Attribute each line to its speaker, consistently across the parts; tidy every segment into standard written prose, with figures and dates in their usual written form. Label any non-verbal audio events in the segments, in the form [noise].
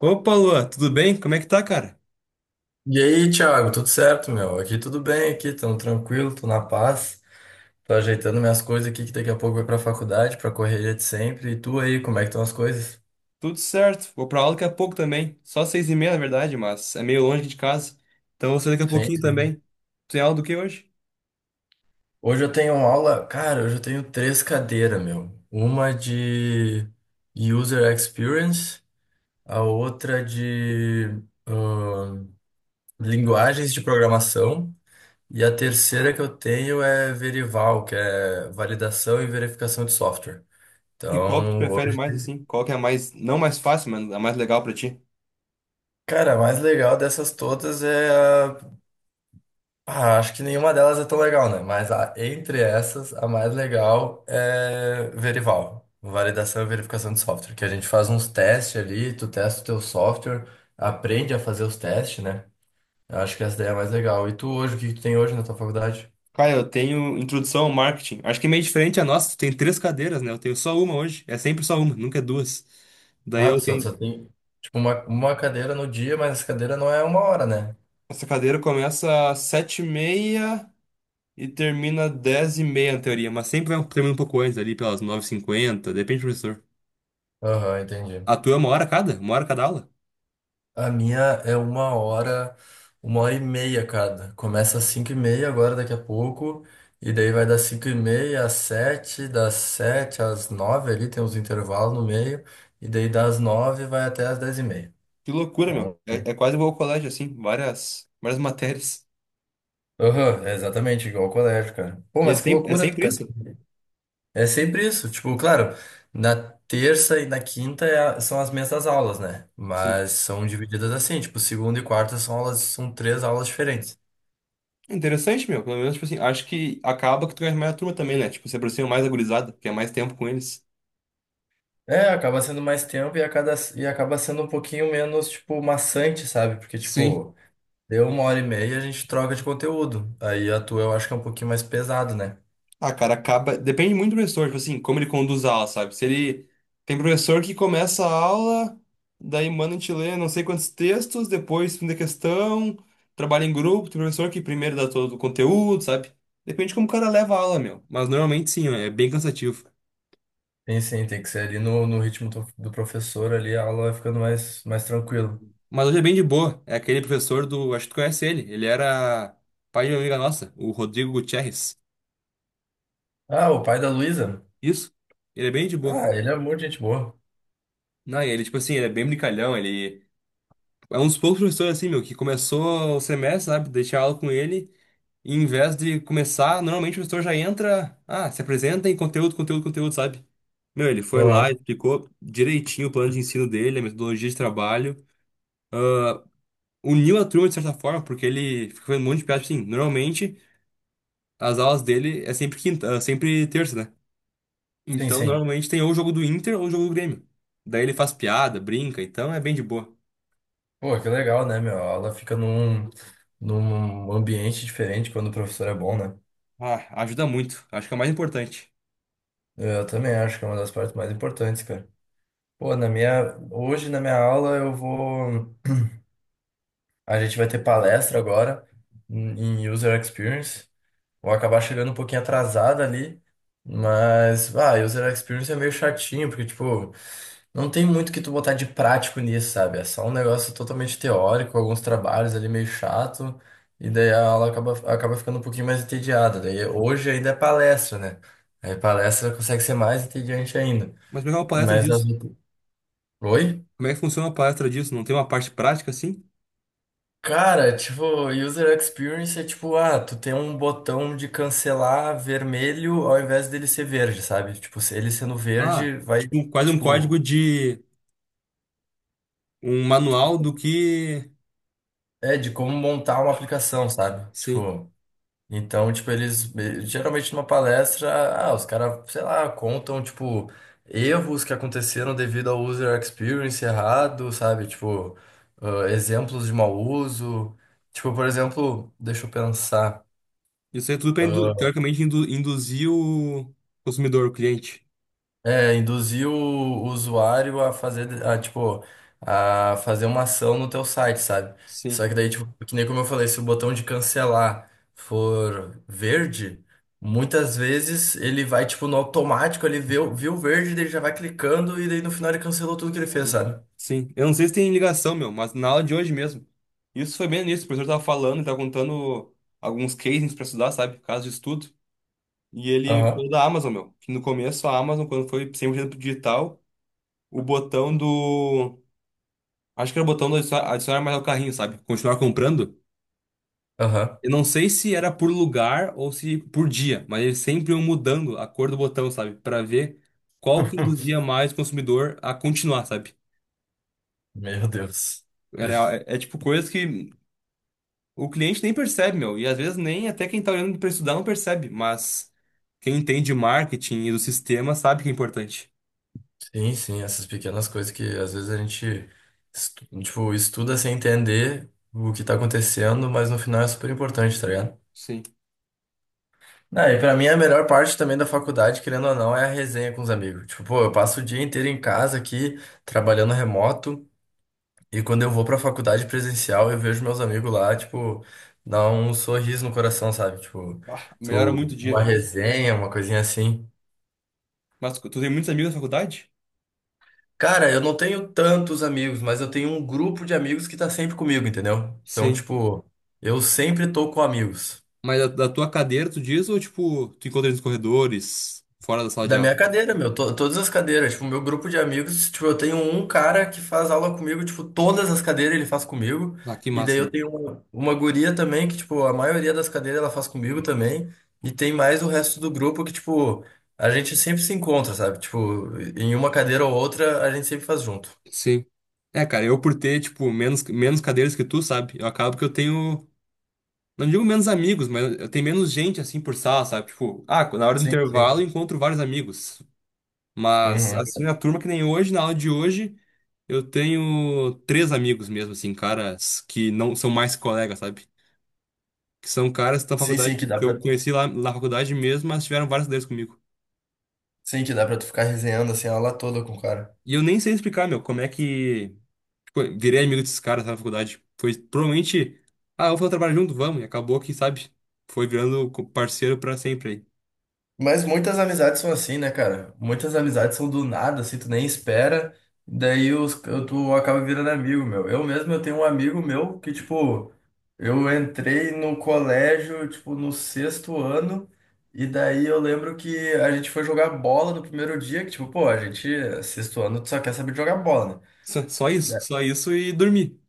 Speaker 1: Opa, Lua, tudo bem? Como é que tá, cara?
Speaker 2: E aí, Thiago, tudo certo, meu? Aqui tudo bem, aqui, tamo tranquilo, tô na paz. Tô ajeitando minhas coisas aqui, que daqui a pouco vai pra faculdade, pra correria de sempre. E tu aí, como é que estão as coisas?
Speaker 1: Tudo certo. Vou pra aula daqui a pouco também. Só 6h30, na verdade, mas é meio longe aqui de casa. Então vou sair daqui a
Speaker 2: Sim,
Speaker 1: pouquinho também.
Speaker 2: sim.
Speaker 1: Tu tem aula do que hoje?
Speaker 2: Hoje eu tenho aula, cara, hoje eu tenho três cadeiras, meu. Uma de User Experience, a outra de ahn, linguagens de programação. E a terceira que eu tenho é Verival, que é validação e verificação de software.
Speaker 1: E qual que tu
Speaker 2: Então,
Speaker 1: prefere
Speaker 2: hoje.
Speaker 1: mais, assim? Qual que é a mais, não mais fácil, mas a mais legal pra ti?
Speaker 2: Cara, a mais legal dessas todas é a... Ah, acho que nenhuma delas é tão legal, né? Mas entre essas, a mais legal é Verival, validação e verificação de software, que a gente faz uns testes ali, tu testa o teu software, aprende a fazer os testes, né? Eu acho que essa daí é a mais legal. E tu hoje, o que que tu tem hoje na tua faculdade?
Speaker 1: Cara, eu tenho introdução ao marketing. Acho que é meio diferente a nossa. Tu tem três cadeiras, né? Eu tenho só uma hoje. É sempre só uma, nunca é duas. Daí
Speaker 2: Ah,
Speaker 1: eu
Speaker 2: tu só,
Speaker 1: tenho...
Speaker 2: só tem, tipo, uma cadeira no dia, mas essa cadeira não é uma hora, né?
Speaker 1: Essa cadeira começa às 7h30... E termina 10h30 na teoria, mas sempre termina um pouco antes, ali pelas nove h 50 depende do professor.
Speaker 2: Aham, entendi.
Speaker 1: A tua é uma hora cada? Uma hora cada aula?
Speaker 2: A minha é uma hora e meia, cada. Começa às cinco e meia agora, daqui a pouco. E daí vai das cinco e meia às sete, das sete às nove ali, tem uns intervalos no meio. E daí das nove vai até às dez e meia.
Speaker 1: Que loucura, meu.
Speaker 2: Então,
Speaker 1: É quase igual ao colégio, assim, várias, várias matérias.
Speaker 2: aham, é exatamente igual ao colégio, cara. Pô,
Speaker 1: E é
Speaker 2: mas que
Speaker 1: sempre, é
Speaker 2: loucura,
Speaker 1: sempre
Speaker 2: cara.
Speaker 1: isso?
Speaker 2: É sempre isso. Tipo, claro, na terça e na quinta é são as mesmas aulas, né?
Speaker 1: Sim.
Speaker 2: Mas são divididas assim, tipo, segunda e quarta são aulas, são três aulas diferentes.
Speaker 1: É interessante, meu. Pelo menos, tipo assim, acho que acaba que tu ganha mais a turma também, né? Tipo, você aproxima mais a gurizada, que é mais tempo com eles.
Speaker 2: É, acaba sendo mais tempo e acaba sendo um pouquinho menos, tipo, maçante, sabe? Porque,
Speaker 1: Sim.
Speaker 2: tipo, deu uma hora e meia e a gente troca de conteúdo. Aí a tua eu acho que é um pouquinho mais pesado, né?
Speaker 1: Ah, cara, acaba. Depende muito do professor, tipo assim, como ele conduz a aula, sabe? Se ele. Tem professor que começa a aula, daí manda a gente ler não sei quantos textos, depois fim da questão, trabalha em grupo, tem professor que primeiro dá todo o conteúdo, sabe? Depende de como o cara leva a aula, meu. Mas normalmente sim, é bem cansativo.
Speaker 2: Tem sim, tem que ser ali no ritmo do professor ali, a aula vai ficando mais tranquilo.
Speaker 1: Mas hoje é bem de boa. É aquele professor do. Acho que tu conhece ele. Ele era pai de uma amiga nossa, o Rodrigo Gutierrez.
Speaker 2: Ah, o pai da Luísa?
Speaker 1: Isso? Ele é bem de boa.
Speaker 2: Ah, ele é muito gente boa.
Speaker 1: Não, e ele, tipo assim, ele é bem brincalhão, ele. É um dos poucos professores assim, meu, que começou o semestre, sabe? Deixei aula com ele. E em vez de começar, normalmente o professor já entra, se apresenta em conteúdo, conteúdo, conteúdo, sabe? Meu, ele foi lá,
Speaker 2: Aham.
Speaker 1: explicou direitinho o plano de ensino dele, a metodologia de trabalho. Uniu a turma de certa forma, porque ele ficou fazendo um monte de piada, tipo assim. Normalmente, as aulas dele é sempre quinta, é sempre terça, né?
Speaker 2: Sim,
Speaker 1: Então,
Speaker 2: sim.
Speaker 1: normalmente tem ou o jogo do Inter ou o jogo do Grêmio. Daí ele faz piada, brinca, então é bem de boa.
Speaker 2: Pô, que legal, né, meu? A aula fica num, num ambiente diferente quando o professor é bom, né?
Speaker 1: Ah, ajuda muito. Acho que é o mais importante.
Speaker 2: Eu também acho que é uma das partes mais importantes, cara. Pô, na minha, hoje na minha aula eu vou, a gente vai ter palestra agora em User Experience. Vou acabar chegando um pouquinho atrasado ali, mas, ah, User Experience é meio chatinho, porque, tipo, não tem muito que tu botar de prático nisso, sabe? É só um negócio totalmente teórico, alguns trabalhos ali meio chato, e daí a aula acaba ficando um pouquinho mais entediada. Daí hoje ainda é palestra, né? Aí palestra consegue ser mais entediante ainda.
Speaker 1: Mas pegar uma palestra
Speaker 2: Mas as...
Speaker 1: disso.
Speaker 2: Oi?
Speaker 1: Como é que funciona a palestra disso? Não tem uma parte prática assim?
Speaker 2: Cara, tipo, user experience é tipo, ah, tu tem um botão de cancelar vermelho ao invés dele ser verde, sabe? Tipo, se ele sendo
Speaker 1: Ah,
Speaker 2: verde vai,
Speaker 1: tipo, quase um
Speaker 2: tipo,
Speaker 1: código de um manual do que.
Speaker 2: é de como montar uma aplicação, sabe?
Speaker 1: Sim.
Speaker 2: Tipo, então, tipo, eles geralmente numa palestra, ah, os caras, sei lá, contam, tipo, erros que aconteceram devido ao user experience errado, sabe? Tipo, ah, exemplos de mau uso. Tipo, por exemplo, deixa eu pensar.
Speaker 1: Isso aí é tudo para,
Speaker 2: Ah,
Speaker 1: teoricamente, induzir o consumidor, o cliente.
Speaker 2: é, induzir o usuário a fazer, a, tipo, a fazer uma ação no teu site, sabe? Só
Speaker 1: Sim.
Speaker 2: que daí, tipo, que nem como eu falei, se o botão de cancelar for verde, muitas vezes ele vai, tipo, no automático, ele vê, o- viu o verde, daí ele já vai clicando e daí no final ele cancelou tudo que ele fez,
Speaker 1: Sim.
Speaker 2: sabe?
Speaker 1: Sim. Eu não sei se tem ligação, meu, mas na aula de hoje mesmo. Isso foi bem nisso. O professor tava falando, e tava contando alguns cases para estudar, sabe? Casos de estudo. E ele
Speaker 2: Aham,
Speaker 1: falou da Amazon, meu. Que no começo a Amazon, quando foi 100% digital, o botão do. Acho que era o botão do adicionar mais ao carrinho, sabe? Continuar comprando.
Speaker 2: aham.
Speaker 1: Eu não sei se era por lugar ou se por dia, mas eles sempre iam mudando a cor do botão, sabe? Pra ver qual que induzia
Speaker 2: [laughs]
Speaker 1: mais o consumidor a continuar, sabe?
Speaker 2: Meu Deus.
Speaker 1: Era, é tipo coisa que o cliente nem percebe, meu. E às vezes nem até quem tá olhando pra estudar não percebe, mas quem entende marketing e do sistema sabe que é importante.
Speaker 2: Sim, sim, essas pequenas coisas que às vezes a gente tipo, estuda sem entender o que tá acontecendo, mas no final é super importante, tá ligado?
Speaker 1: Sim.
Speaker 2: Ah, e pra mim a melhor parte também da faculdade, querendo ou não, é a resenha com os amigos. Tipo, pô, eu passo o dia inteiro em casa aqui, trabalhando remoto, e quando eu vou pra faculdade presencial, eu vejo meus amigos lá, tipo, dá um sorriso no coração, sabe? Tipo,
Speaker 1: Ah, melhora muito
Speaker 2: tu,
Speaker 1: o
Speaker 2: uma
Speaker 1: dia.
Speaker 2: resenha, uma coisinha assim.
Speaker 1: Mas tu tem muitos amigos na faculdade?
Speaker 2: Cara, eu não tenho tantos amigos, mas eu tenho um grupo de amigos que tá sempre comigo, entendeu? Então,
Speaker 1: Sim.
Speaker 2: tipo, eu sempre tô com amigos.
Speaker 1: Mas da tua cadeira, tu diz, ou tipo, tu encontra eles nos corredores, fora da sala de
Speaker 2: Da
Speaker 1: aula?
Speaker 2: minha cadeira, meu, todas as cadeiras. Tipo, meu grupo de amigos, tipo, eu tenho um cara que faz aula comigo, tipo, todas as cadeiras ele faz comigo.
Speaker 1: Ah, que
Speaker 2: E daí
Speaker 1: massa.
Speaker 2: eu tenho uma guria também, que, tipo, a maioria das cadeiras ela faz comigo também. E tem mais o resto do grupo que, tipo, a gente sempre se encontra, sabe? Tipo, em uma cadeira ou outra, a gente sempre faz junto.
Speaker 1: Sim. É, cara, eu por ter, tipo, menos cadeiras que tu, sabe? Eu acabo que eu tenho. Não digo menos amigos, mas eu tenho menos gente, assim, por sala, sabe? Tipo, ah, na hora do
Speaker 2: Sim,
Speaker 1: intervalo
Speaker 2: sim.
Speaker 1: eu encontro vários amigos. Mas,
Speaker 2: Uhum.
Speaker 1: assim, na turma que nem hoje, na aula de hoje, eu tenho três amigos mesmo, assim, caras que não são mais colegas, sabe? Que são caras da
Speaker 2: Sim,
Speaker 1: faculdade,
Speaker 2: sim, que dá
Speaker 1: que eu
Speaker 2: pra.
Speaker 1: conheci lá na faculdade mesmo, mas tiveram várias cadeiras comigo.
Speaker 2: Sim, que dá pra tu ficar resenhando assim a aula toda com o cara.
Speaker 1: E eu nem sei explicar, meu, como é que tipo, eu virei amigo desses caras na faculdade. Foi provavelmente, ah, vamos fazer um trabalho junto, vamos. E acabou que, sabe, foi virando parceiro pra sempre aí.
Speaker 2: Mas muitas amizades são assim, né, cara? Muitas amizades são do nada, assim, tu nem espera, daí os, tu acaba virando amigo, meu. Eu mesmo, eu tenho um amigo meu que, tipo, eu entrei no colégio, tipo, no sexto ano, e daí eu lembro que a gente foi jogar bola no primeiro dia, que, tipo, pô, a gente, sexto ano, tu só quer saber de jogar bola, né?
Speaker 1: Só isso, só isso e dormir.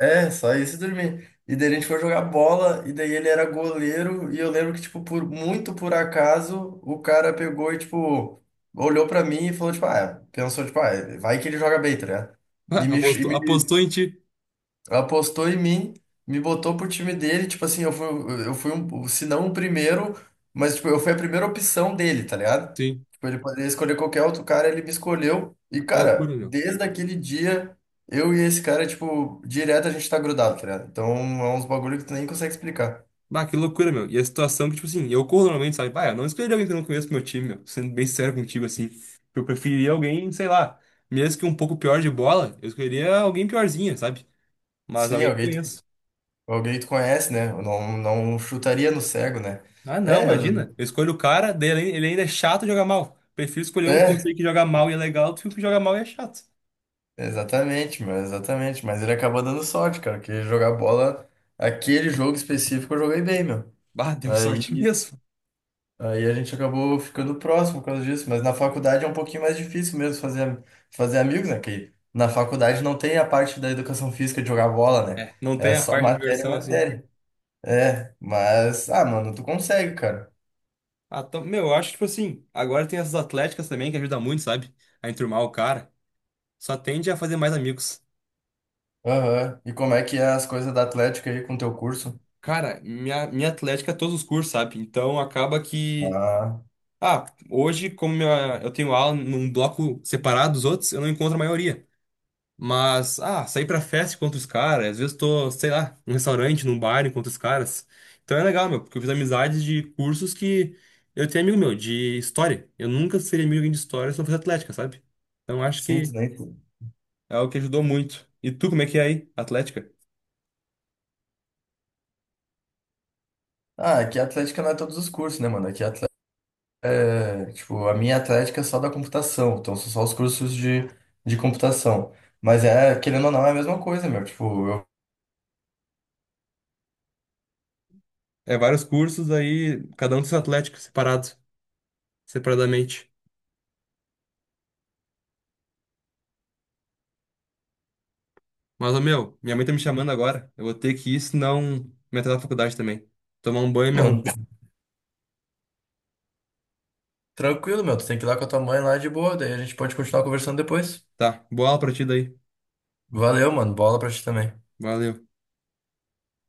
Speaker 2: É, só isso e dormir. E daí a gente foi jogar bola, e daí ele era goleiro, e eu lembro que, tipo, por muito por acaso, o cara pegou e, tipo, olhou pra mim e falou, tipo, ah, pensou, tipo, ah, vai que ele joga bem, tá ligado?
Speaker 1: [laughs] Ah,
Speaker 2: E me, e
Speaker 1: apostou,
Speaker 2: me,
Speaker 1: apostou em ti.
Speaker 2: apostou em mim, me botou pro time dele, tipo assim, eu fui um, se não o primeiro, mas tipo, eu fui a primeira opção dele, tá ligado?
Speaker 1: Sim.
Speaker 2: Tipo, ele poderia escolher qualquer outro cara, ele me escolheu. E,
Speaker 1: Ah, que loucura,
Speaker 2: cara,
Speaker 1: meu.
Speaker 2: desde aquele dia, eu e esse cara, tipo, direto a gente tá grudado, tá ligado? Então é uns bagulho que tu nem consegue explicar.
Speaker 1: Bah, que loucura, meu. E a situação que, tipo assim, eu corro normalmente, sabe? Bah, eu não escolheria alguém que eu não conheço pro meu time, meu. Sendo bem sério contigo, assim. Eu preferiria alguém, sei lá, mesmo que um pouco pior de bola, eu escolheria alguém piorzinha, sabe? Mas
Speaker 2: Sim,
Speaker 1: alguém que eu
Speaker 2: alguém,
Speaker 1: conheço.
Speaker 2: alguém tu conhece, né? Eu não, não chutaria no cego, né?
Speaker 1: Ah, não,
Speaker 2: É,
Speaker 1: imagina. Eu escolho o cara, daí ele ainda é chato de jogar mal. Prefiro escolher um que eu sei
Speaker 2: é.
Speaker 1: que joga mal e é legal do que um que joga mal e é chato.
Speaker 2: Exatamente, mano, exatamente. Mas ele acabou dando sorte, cara, que jogar bola, aquele jogo específico eu joguei bem, meu.
Speaker 1: Bah, [laughs] deu
Speaker 2: Aí,
Speaker 1: sorte mesmo.
Speaker 2: aí, a gente acabou ficando próximo por causa disso. Mas na faculdade é um pouquinho mais difícil mesmo fazer amigos, né? Que na faculdade não tem a parte da educação física de jogar bola, né?
Speaker 1: É, não tem
Speaker 2: É
Speaker 1: a
Speaker 2: só
Speaker 1: parte da
Speaker 2: matéria, e
Speaker 1: diversão assim.
Speaker 2: matéria. É, mas, ah, mano, tu consegue, cara.
Speaker 1: Ah, então, meu, eu acho, tipo assim, agora tem essas atléticas também que ajudam muito, sabe? A enturmar o cara. Só tende a fazer mais amigos.
Speaker 2: Aham. E como é que é as coisas da Atlética aí com o teu curso?
Speaker 1: Cara, minha atlética é todos os cursos, sabe? Então acaba que.
Speaker 2: Ah,
Speaker 1: Ah, hoje, como eu tenho aula num bloco separado dos outros, eu não encontro a maioria. Mas, ah, sair pra festa enquanto os caras, às vezes tô, sei lá, num restaurante, num bar enquanto os caras. Então é legal, meu, porque eu fiz amizades de cursos que eu tenho amigo meu, de história. Eu nunca seria amigo de alguém de história se não fosse atlética, sabe? Então acho
Speaker 2: sim,
Speaker 1: que
Speaker 2: tu nem.
Speaker 1: é algo que ajudou muito. E tu, como é que é aí, atlética?
Speaker 2: Ah, aqui a Atlética não é todos os cursos, né, mano? Aqui a. É, tipo, a minha atlética é só da computação, então são só os cursos de computação. Mas é, querendo ou não, é a mesma coisa, meu. Tipo, eu.
Speaker 1: É vários cursos aí, cada um com seu atlético, separado, separadamente. Mas, ô, meu, minha mãe tá me chamando agora. Eu vou ter que ir, senão me atrasar na faculdade também. Tomar um banho e me arrumar.
Speaker 2: Mano, tranquilo, meu. Tu tem que ir lá com a tua mãe lá de boa, daí a gente pode continuar conversando depois.
Speaker 1: Tá, boa aula pra ti daí.
Speaker 2: Valeu, mano. Bola pra ti também.
Speaker 1: Valeu.